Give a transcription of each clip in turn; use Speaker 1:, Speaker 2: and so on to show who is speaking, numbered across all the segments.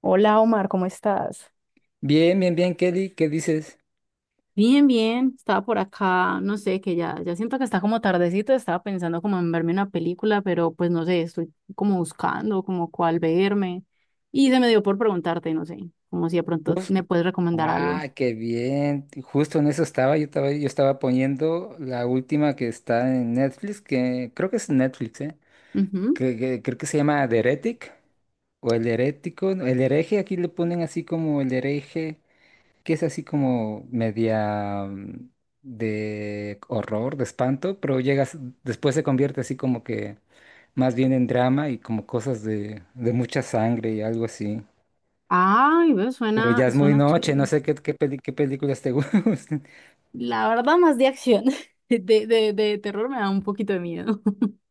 Speaker 1: Hola Omar, ¿cómo estás?
Speaker 2: Bien, bien, bien, Kelly, ¿qué dices?
Speaker 1: Bien, bien, estaba por acá, no sé, que ya siento que está como tardecito, estaba pensando como en verme una película, pero pues no sé, estoy como buscando como cuál verme y se me dio por preguntarte, no sé, como si de pronto
Speaker 2: Jus-
Speaker 1: me puedes recomendar algo.
Speaker 2: ah, qué bien. Justo en eso estaba, yo estaba poniendo la última que está en Netflix, que creo que es Netflix, ¿eh?
Speaker 1: Ujú.
Speaker 2: Creo que se llama The Heretic o El Herético, no, El Hereje, aquí le ponen así como El Hereje, que es así como media, de horror, de espanto, pero llegas, después se convierte así como que más bien en drama y como cosas de mucha sangre y algo así.
Speaker 1: Ay, ve,
Speaker 2: Pero
Speaker 1: suena,
Speaker 2: ya es muy
Speaker 1: suena
Speaker 2: noche, no
Speaker 1: chévere.
Speaker 2: sé qué películas te gustan.
Speaker 1: La verdad, más de acción, de terror me da un poquito de miedo.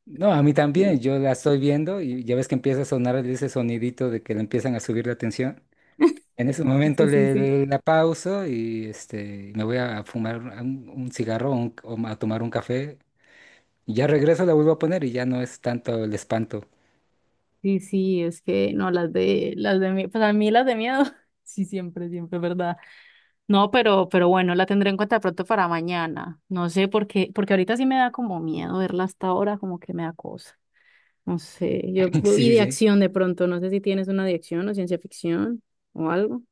Speaker 2: No, a mí también, yo la estoy viendo y ya ves que empieza a sonar ese sonidito de que le empiezan a subir la tensión. En ese
Speaker 1: Sí,
Speaker 2: momento
Speaker 1: sí, sí.
Speaker 2: la pauso y este, me voy a fumar un cigarro o o a tomar un café. Y ya regreso, la vuelvo a poner y ya no es tanto el espanto.
Speaker 1: Sí, sí, es que no, las de mí, pues a mí las de miedo, sí, siempre, siempre, ¿verdad? No, pero bueno, la tendré en cuenta de pronto para mañana. No sé por qué, porque ahorita sí me da como miedo verla hasta ahora, como que me da cosa. No sé, yo, y
Speaker 2: Sí,
Speaker 1: de
Speaker 2: sí.
Speaker 1: acción de pronto, no sé si tienes una de acción o ciencia ficción o algo.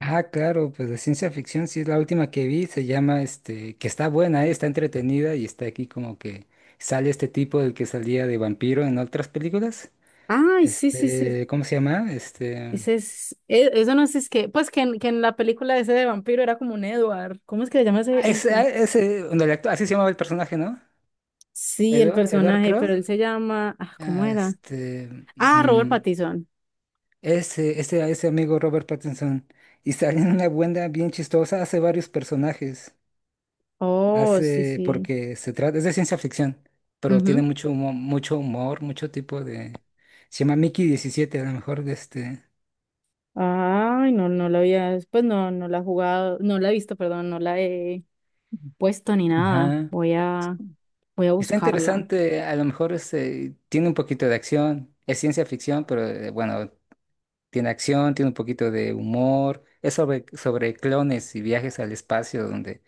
Speaker 2: Ah, claro, pues de ciencia ficción sí es la última que vi, se llama este, que está buena, está entretenida y está aquí como que sale este tipo del que salía de vampiro en otras películas.
Speaker 1: Ay, sí, sí, sí.
Speaker 2: Este, ¿cómo se llama? Este,
Speaker 1: Ese es, eso no es, es que, pues que en la película ese de vampiro era como un Edward. ¿Cómo es que se llama ese, ese?
Speaker 2: ah, ese, donde el así se llamaba el personaje, ¿no?
Speaker 1: Sí, el
Speaker 2: Edward, Edward
Speaker 1: personaje,
Speaker 2: Crowe.
Speaker 1: pero él se llama, ah, ¿cómo
Speaker 2: Ah,
Speaker 1: era?
Speaker 2: este,
Speaker 1: Ah, Robert
Speaker 2: mm,
Speaker 1: Pattinson.
Speaker 2: ese amigo Robert Pattinson y sale en una buena bien chistosa, hace varios personajes.
Speaker 1: Oh, sí,
Speaker 2: Hace,
Speaker 1: sí.
Speaker 2: porque se trata, es de ciencia ficción, pero tiene
Speaker 1: Ujú.
Speaker 2: mucho humor, mucho humor, mucho tipo de... Se llama Mickey 17 a lo mejor de este...
Speaker 1: Ay, no, no la había, pues no, no la he jugado, no la he visto, perdón, no la he puesto ni nada.
Speaker 2: Ajá.
Speaker 1: Voy a
Speaker 2: Está
Speaker 1: buscarla.
Speaker 2: interesante, a lo mejor este, tiene un poquito de acción, es ciencia ficción, pero bueno, tiene acción, tiene un poquito de humor, es sobre, sobre clones y viajes al espacio donde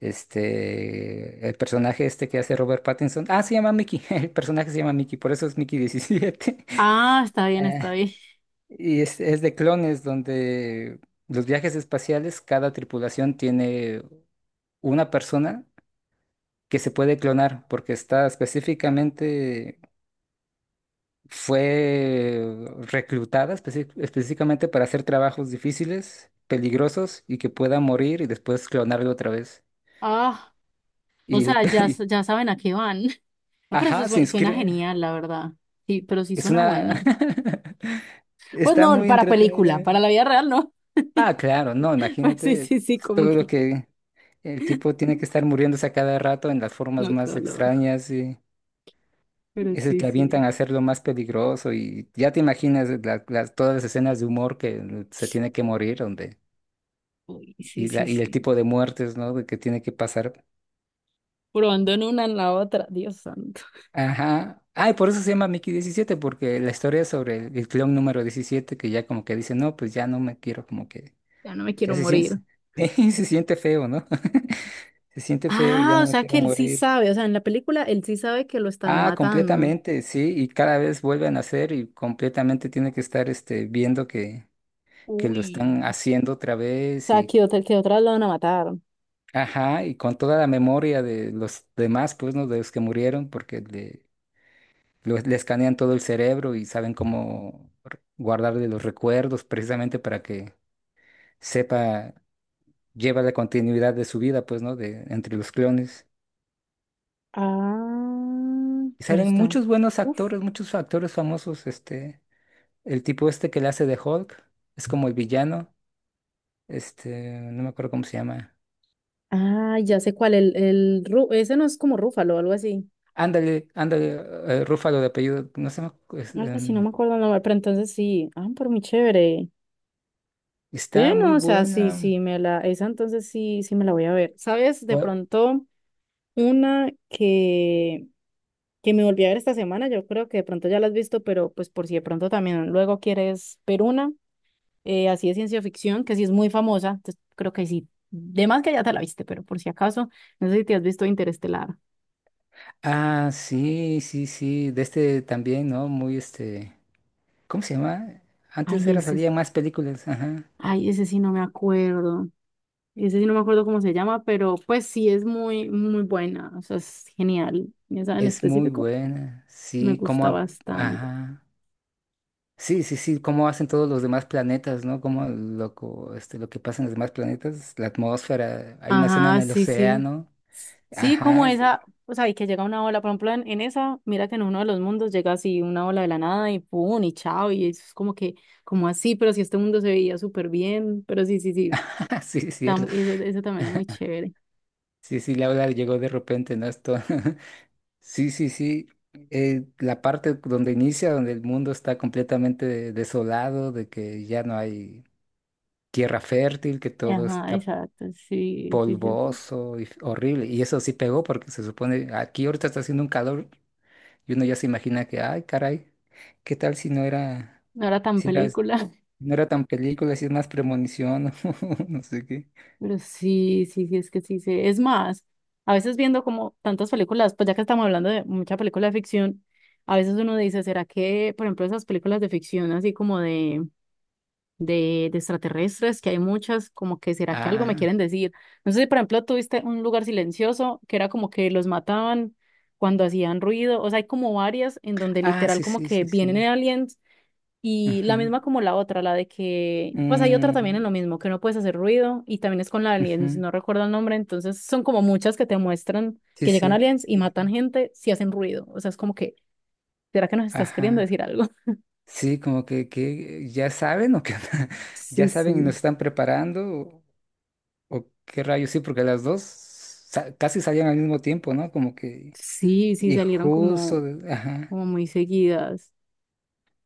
Speaker 2: este, el personaje este que hace Robert Pattinson, ah, se llama Mickey. El personaje se llama Mickey, por eso es Mickey 17.
Speaker 1: Ah, está bien, está bien.
Speaker 2: Y es de clones donde los viajes espaciales, cada tripulación tiene una persona que se puede clonar porque está específicamente, fue reclutada específicamente para hacer trabajos difíciles, peligrosos y que pueda morir y después clonarlo otra vez.
Speaker 1: Ah, o
Speaker 2: Y, el-
Speaker 1: sea, ya,
Speaker 2: y-
Speaker 1: ya saben a qué van. Ah, pero eso
Speaker 2: ajá, se
Speaker 1: suena
Speaker 2: inscribe.
Speaker 1: genial, la verdad. Sí, pero sí
Speaker 2: Es
Speaker 1: suena buena.
Speaker 2: una...
Speaker 1: Pues
Speaker 2: Está
Speaker 1: no,
Speaker 2: muy
Speaker 1: para película,
Speaker 2: entretenida.
Speaker 1: para la vida real, no.
Speaker 2: Ah, claro, no,
Speaker 1: Pues sí,
Speaker 2: imagínate
Speaker 1: sí, sí, como
Speaker 2: todo lo
Speaker 1: que
Speaker 2: que... El tipo tiene que estar muriéndose a cada rato en las formas
Speaker 1: no, qué
Speaker 2: más
Speaker 1: dolor.
Speaker 2: extrañas y
Speaker 1: Pero
Speaker 2: es el
Speaker 1: sí,
Speaker 2: que
Speaker 1: sí.
Speaker 2: avientan a hacerlo más peligroso y ya te imaginas todas las escenas de humor que se tiene que morir donde
Speaker 1: Uy, sí,
Speaker 2: y,
Speaker 1: sí,
Speaker 2: la- y el
Speaker 1: sí.
Speaker 2: tipo de muertes, ¿no? de que tiene que pasar.
Speaker 1: Probando en una en la otra, Dios santo.
Speaker 2: Ajá. Ah, y por eso se llama Mickey diecisiete porque la historia es sobre el clon número 17 que ya como que dice: "No, pues ya no me quiero como que
Speaker 1: Ya no me
Speaker 2: ya
Speaker 1: quiero
Speaker 2: se siente
Speaker 1: morir.
Speaker 2: se siente feo, ¿no? Se siente feo y ya
Speaker 1: Ah,
Speaker 2: no
Speaker 1: o
Speaker 2: me
Speaker 1: sea
Speaker 2: quiero
Speaker 1: que él sí
Speaker 2: morir".
Speaker 1: sabe, o sea, en la película él sí sabe que lo están
Speaker 2: Ah,
Speaker 1: matando.
Speaker 2: completamente, sí, y cada vez vuelven a hacer y completamente tiene que estar este viendo que lo
Speaker 1: Uy,
Speaker 2: están
Speaker 1: o
Speaker 2: haciendo otra vez
Speaker 1: sea,
Speaker 2: y
Speaker 1: que otra, que otras lo van a matar.
Speaker 2: ajá, y con toda la memoria de los demás, pues, ¿no? De los que murieron, porque le escanean todo el cerebro y saben cómo guardarle los recuerdos precisamente para que sepa, lleva la continuidad de su vida, pues, ¿no? De entre los clones.
Speaker 1: Ah,
Speaker 2: Y
Speaker 1: pero
Speaker 2: salen
Speaker 1: está.
Speaker 2: muchos buenos
Speaker 1: Uf.
Speaker 2: actores, muchos actores famosos, este. El tipo este que le hace de Hulk es como el villano. Este, no me acuerdo cómo se llama.
Speaker 1: Ah, ya sé cuál, el ese no es como Rúfalo o algo así.
Speaker 2: Ándale, ándale, eh, Rúfalo de apellido. No sé,
Speaker 1: Algo así, no me acuerdo el nombre, pero entonces sí. Ah, pero muy chévere.
Speaker 2: está
Speaker 1: Bueno,
Speaker 2: muy
Speaker 1: o sea, sí,
Speaker 2: buena.
Speaker 1: sí, esa entonces sí, sí me la voy a ver. ¿Sabes? De
Speaker 2: O-
Speaker 1: pronto, una que me volví a ver esta semana, yo creo que de pronto ya la has visto, pero pues por si de pronto también luego quieres ver una, así de ciencia ficción, que sí es muy famosa, entonces creo que sí, de más que ya te la viste, pero por si acaso, no sé si te has visto Interestelar.
Speaker 2: ah, sí, sí, sí. De este también, ¿no? Muy este. ¿Cómo se llama? Antes
Speaker 1: Ay,
Speaker 2: era
Speaker 1: ese,
Speaker 2: salía más películas. Ajá.
Speaker 1: ay, ese sí no me acuerdo cómo se llama, pero pues sí es muy, muy buena, o sea, es genial, esa en
Speaker 2: Es muy
Speaker 1: específico
Speaker 2: buena.
Speaker 1: me
Speaker 2: Sí, como.
Speaker 1: gusta bastante.
Speaker 2: Ajá. Sí, sí, sí, cómo hacen todos los demás planetas, ¿no? Cómo este, lo que pasa en los demás planetas, la atmósfera, hay una escena en
Speaker 1: Ajá,
Speaker 2: el
Speaker 1: sí, sí.
Speaker 2: océano.
Speaker 1: Sí, como
Speaker 2: Ajá,
Speaker 1: esa, o sea, y que llega una ola, por ejemplo, en esa, mira que en uno de los mundos llega así una ola de la nada y pum, y chao, y es como que, como así, pero si este mundo se veía súper bien, pero sí, sí, sí,
Speaker 2: sí, es cierto.
Speaker 1: eso, eso también es muy chévere.
Speaker 2: Sí, sí, la ola llegó de repente, ¿no? Esto. Sí, sí, sí. La parte donde inicia, donde el mundo está completamente desolado, de que ya no hay tierra fértil, que todo
Speaker 1: Ajá,
Speaker 2: está
Speaker 1: exacto, sí, sí, sí, eso.
Speaker 2: polvoso y horrible. Y eso sí pegó porque se supone, aquí ahorita está haciendo un calor. Y uno ya se imagina que, ay, caray, ¿qué tal si no era,
Speaker 1: No era tan
Speaker 2: si era, si
Speaker 1: película,
Speaker 2: no era tan película, si es más premonición, no sé qué.
Speaker 1: pero sí, sí, sí, es que sí, sí. Es más, a veces viendo como tantas películas, pues ya que estamos hablando de mucha película de ficción, a veces uno dice, ¿será que, por ejemplo, esas películas de ficción así como de extraterrestres, que hay muchas, como que será que algo me
Speaker 2: Ah,
Speaker 1: quieren decir. No sé si, por ejemplo, tuviste un lugar silencioso que era como que los mataban cuando hacían ruido, o sea, hay como varias en donde
Speaker 2: ah,
Speaker 1: literal
Speaker 2: sí,
Speaker 1: como
Speaker 2: sí,
Speaker 1: que
Speaker 2: sí,
Speaker 1: vienen
Speaker 2: sí.
Speaker 1: aliens y la
Speaker 2: Ujú.
Speaker 1: misma como la otra, la de que, pues hay otra también en
Speaker 2: Mm,
Speaker 1: lo mismo, que no puedes hacer ruido y también es con la aliens,
Speaker 2: ujú.
Speaker 1: no recuerdo el nombre, entonces son como muchas que te muestran
Speaker 2: Sí,
Speaker 1: que llegan
Speaker 2: sí.
Speaker 1: aliens y
Speaker 2: Sí.
Speaker 1: matan
Speaker 2: Sí.
Speaker 1: gente si hacen ruido, o sea, es como que, ¿será que nos estás queriendo
Speaker 2: Ajá.
Speaker 1: decir algo?
Speaker 2: Sí, como que ya saben o que
Speaker 1: Sí,
Speaker 2: ya saben y
Speaker 1: sí.
Speaker 2: nos están preparando o qué rayos, sí, porque casi salían al mismo tiempo, ¿no? Como que
Speaker 1: Sí, sí,
Speaker 2: y
Speaker 1: salieron como,
Speaker 2: justo, ajá,
Speaker 1: como muy seguidas.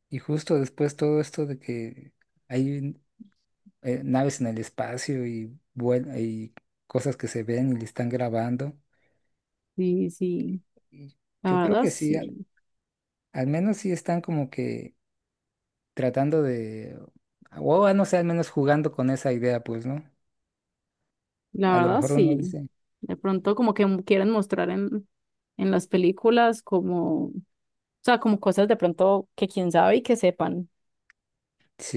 Speaker 2: y justo después todo esto de que hay naves en el espacio y, y cosas que se ven y le están grabando.
Speaker 1: Sí, sí,
Speaker 2: Y yo
Speaker 1: la
Speaker 2: creo
Speaker 1: verdad
Speaker 2: que sí,
Speaker 1: sí,
Speaker 2: al menos sí están como que tratando de, o ah, no sé, al menos jugando con esa idea, pues, ¿no?
Speaker 1: la
Speaker 2: A lo
Speaker 1: verdad
Speaker 2: mejor uno
Speaker 1: sí.
Speaker 2: dice,
Speaker 1: De pronto como que quieren mostrar en las películas como, o sea, como cosas de pronto que quién sabe y que sepan.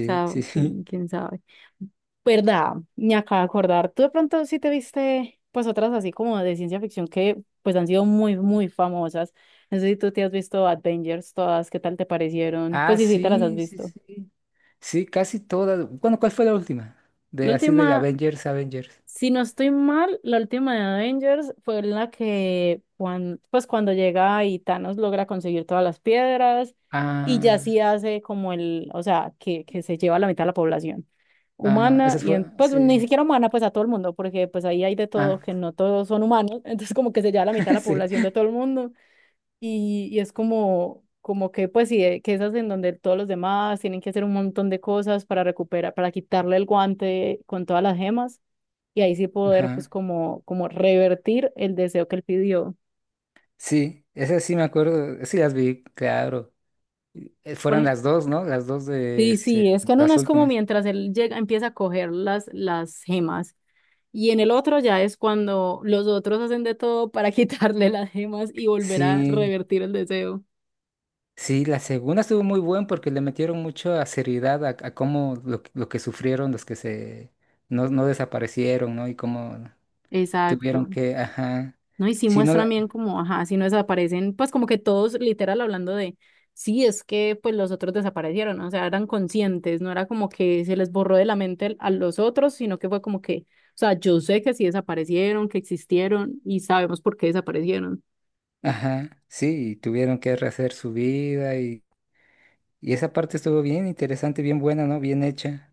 Speaker 1: O sea,
Speaker 2: sí, sí.
Speaker 1: quién sabe. ¿Verdad? Me acabo de acordar. Tú de pronto sí te viste pues otras así como de ciencia ficción que pues han sido muy, muy famosas. No sé si tú te has visto Avengers todas, ¿qué tal te parecieron? Pues
Speaker 2: Ah,
Speaker 1: sí, sí, te las has
Speaker 2: sí, sí,
Speaker 1: visto.
Speaker 2: sí. Sí, casi todas. Bueno, ¿cuál fue la última?
Speaker 1: La
Speaker 2: De así de
Speaker 1: última,
Speaker 2: Avengers, Avengers.
Speaker 1: si no estoy mal, la última de Avengers fue la que, pues cuando llega y Thanos logra conseguir todas las piedras y ya
Speaker 2: Ah,
Speaker 1: sí hace como el, o sea, que se lleva la mitad de la población
Speaker 2: ah,
Speaker 1: humana
Speaker 2: esas fue,
Speaker 1: pues
Speaker 2: sí.
Speaker 1: ni siquiera humana, pues a todo el mundo, porque pues ahí hay de todo,
Speaker 2: Ah,
Speaker 1: que no todos son humanos, entonces como que se lleva la mitad de la
Speaker 2: sí.
Speaker 1: población de todo el mundo y es como, como que pues sí, que esas en donde todos los demás tienen que hacer un montón de cosas para recuperar, para quitarle el guante con todas las gemas y ahí sí poder pues
Speaker 2: Ajá.
Speaker 1: como, como revertir el deseo que él pidió.
Speaker 2: Sí, esas sí me acuerdo, sí las vi, claro.
Speaker 1: Por
Speaker 2: Fueron
Speaker 1: ej-
Speaker 2: las dos, ¿no? Las dos de
Speaker 1: sí,
Speaker 2: este,
Speaker 1: sí, es que en una
Speaker 2: las
Speaker 1: es como
Speaker 2: últimas.
Speaker 1: mientras él llega, empieza a coger las gemas y en el otro ya es cuando los otros hacen de todo para quitarle las gemas y volver a
Speaker 2: Sí,
Speaker 1: revertir el deseo.
Speaker 2: sí, la segunda estuvo muy buena porque le metieron mucha seriedad a cómo que lo que sufrieron los que se no, no desaparecieron, ¿no? Y cómo tuvieron
Speaker 1: Exacto.
Speaker 2: que, ajá,
Speaker 1: ¿No? Y sí
Speaker 2: sí, no,
Speaker 1: muestran
Speaker 2: la-
Speaker 1: bien como, ajá, si no desaparecen, pues como que todos literal hablando de, sí, es que pues los otros desaparecieron, ¿no? O sea, eran conscientes, no era como que se les borró de la mente a los otros, sino que fue como que, o sea, yo sé que sí desaparecieron, que existieron y sabemos por qué desaparecieron.
Speaker 2: ajá, sí, y tuvieron que rehacer su vida y esa parte estuvo bien interesante, bien buena, ¿no? Bien hecha.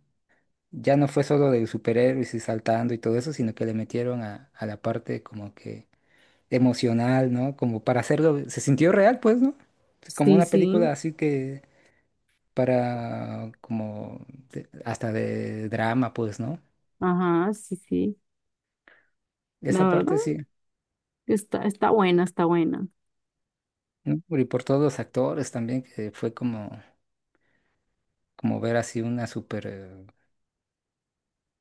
Speaker 2: Ya no fue solo de superhéroes y saltando y todo eso, sino que le metieron a la parte como que emocional, ¿no? Como para hacerlo, se sintió real, pues, ¿no? Como
Speaker 1: Sí,
Speaker 2: una
Speaker 1: sí,
Speaker 2: película así que para, como, hasta de drama, pues, ¿no?
Speaker 1: ajá, sí, sí,
Speaker 2: Esa
Speaker 1: la verdad,
Speaker 2: parte sí,
Speaker 1: está está buena, está buena.
Speaker 2: ¿no? Y por todos los actores también, que fue como, como ver así una súper,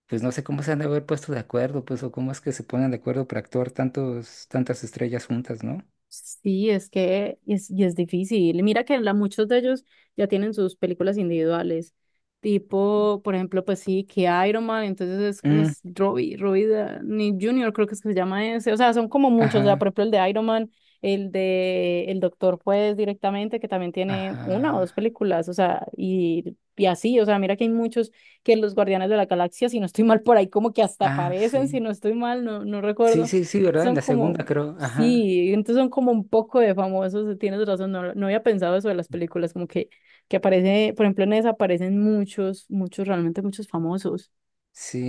Speaker 2: pues no sé cómo se han de haber puesto de acuerdo, pues, o cómo es que se ponen de acuerdo para actuar tantos, tantas estrellas juntas, ¿no?
Speaker 1: Sí, es que es, y es difícil. Mira que muchos de ellos ya tienen sus películas individuales. Tipo, por ejemplo, pues sí, que Iron Man, entonces es como
Speaker 2: Mm,
Speaker 1: es Robbie Downey Jr., creo que es que se llama ese. O sea, son como muchos. O sea, por
Speaker 2: ajá,
Speaker 1: ejemplo, el de Iron Man, el de El Doctor, pues directamente, que también tiene una o dos
Speaker 2: ajá,
Speaker 1: películas. O sea, y así, o sea, mira que hay muchos que los Guardianes de la Galaxia, si no estoy mal por ahí, como que hasta
Speaker 2: ah,
Speaker 1: aparecen, si
Speaker 2: sí.
Speaker 1: no estoy mal, no, no
Speaker 2: Sí,
Speaker 1: recuerdo,
Speaker 2: sí, sí, ¿verdad? En
Speaker 1: son
Speaker 2: la
Speaker 1: como,
Speaker 2: segunda creo, ajá.
Speaker 1: sí, entonces son como un poco de famosos, tienes razón, no, no había pensado eso de las películas, como que aparece, por ejemplo, en esa aparecen realmente muchos famosos.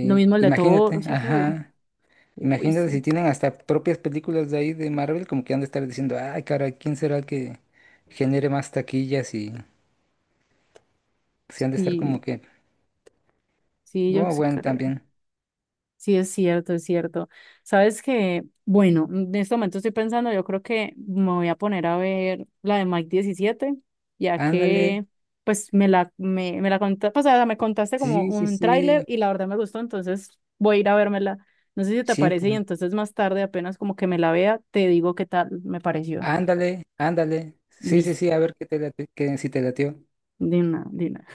Speaker 1: Lo mismo el de Thor, o
Speaker 2: imagínate,
Speaker 1: sea, todo.
Speaker 2: ajá.
Speaker 1: Uy,
Speaker 2: Imagínate si
Speaker 1: sí,
Speaker 2: tienen hasta propias películas de ahí de Marvel, como que han de estar diciendo, ay, cara, ¿quién será el que genere más taquillas? Y se han de estar como
Speaker 1: sí,
Speaker 2: que,
Speaker 1: sí, yo
Speaker 2: oh,
Speaker 1: sí
Speaker 2: bueno,
Speaker 1: creo.
Speaker 2: también.
Speaker 1: Sí, es cierto, es cierto. Sabes que, bueno, en este momento estoy pensando, yo creo que me voy a poner a ver la de Mike 17, ya
Speaker 2: Ándale,
Speaker 1: que, pues, me la contaste, o sea, me contaste como
Speaker 2: sí, sí,
Speaker 1: un tráiler
Speaker 2: sí,
Speaker 1: y la verdad me gustó, entonces voy a ir a vérmela. No sé si te parece y
Speaker 2: siempre.
Speaker 1: entonces más tarde, apenas como que me la vea, te digo qué tal me pareció.
Speaker 2: Ándale, ándale. Sí, sí,
Speaker 1: Listo,
Speaker 2: sí, a ver qué te late, si te latió.
Speaker 1: de una, de una.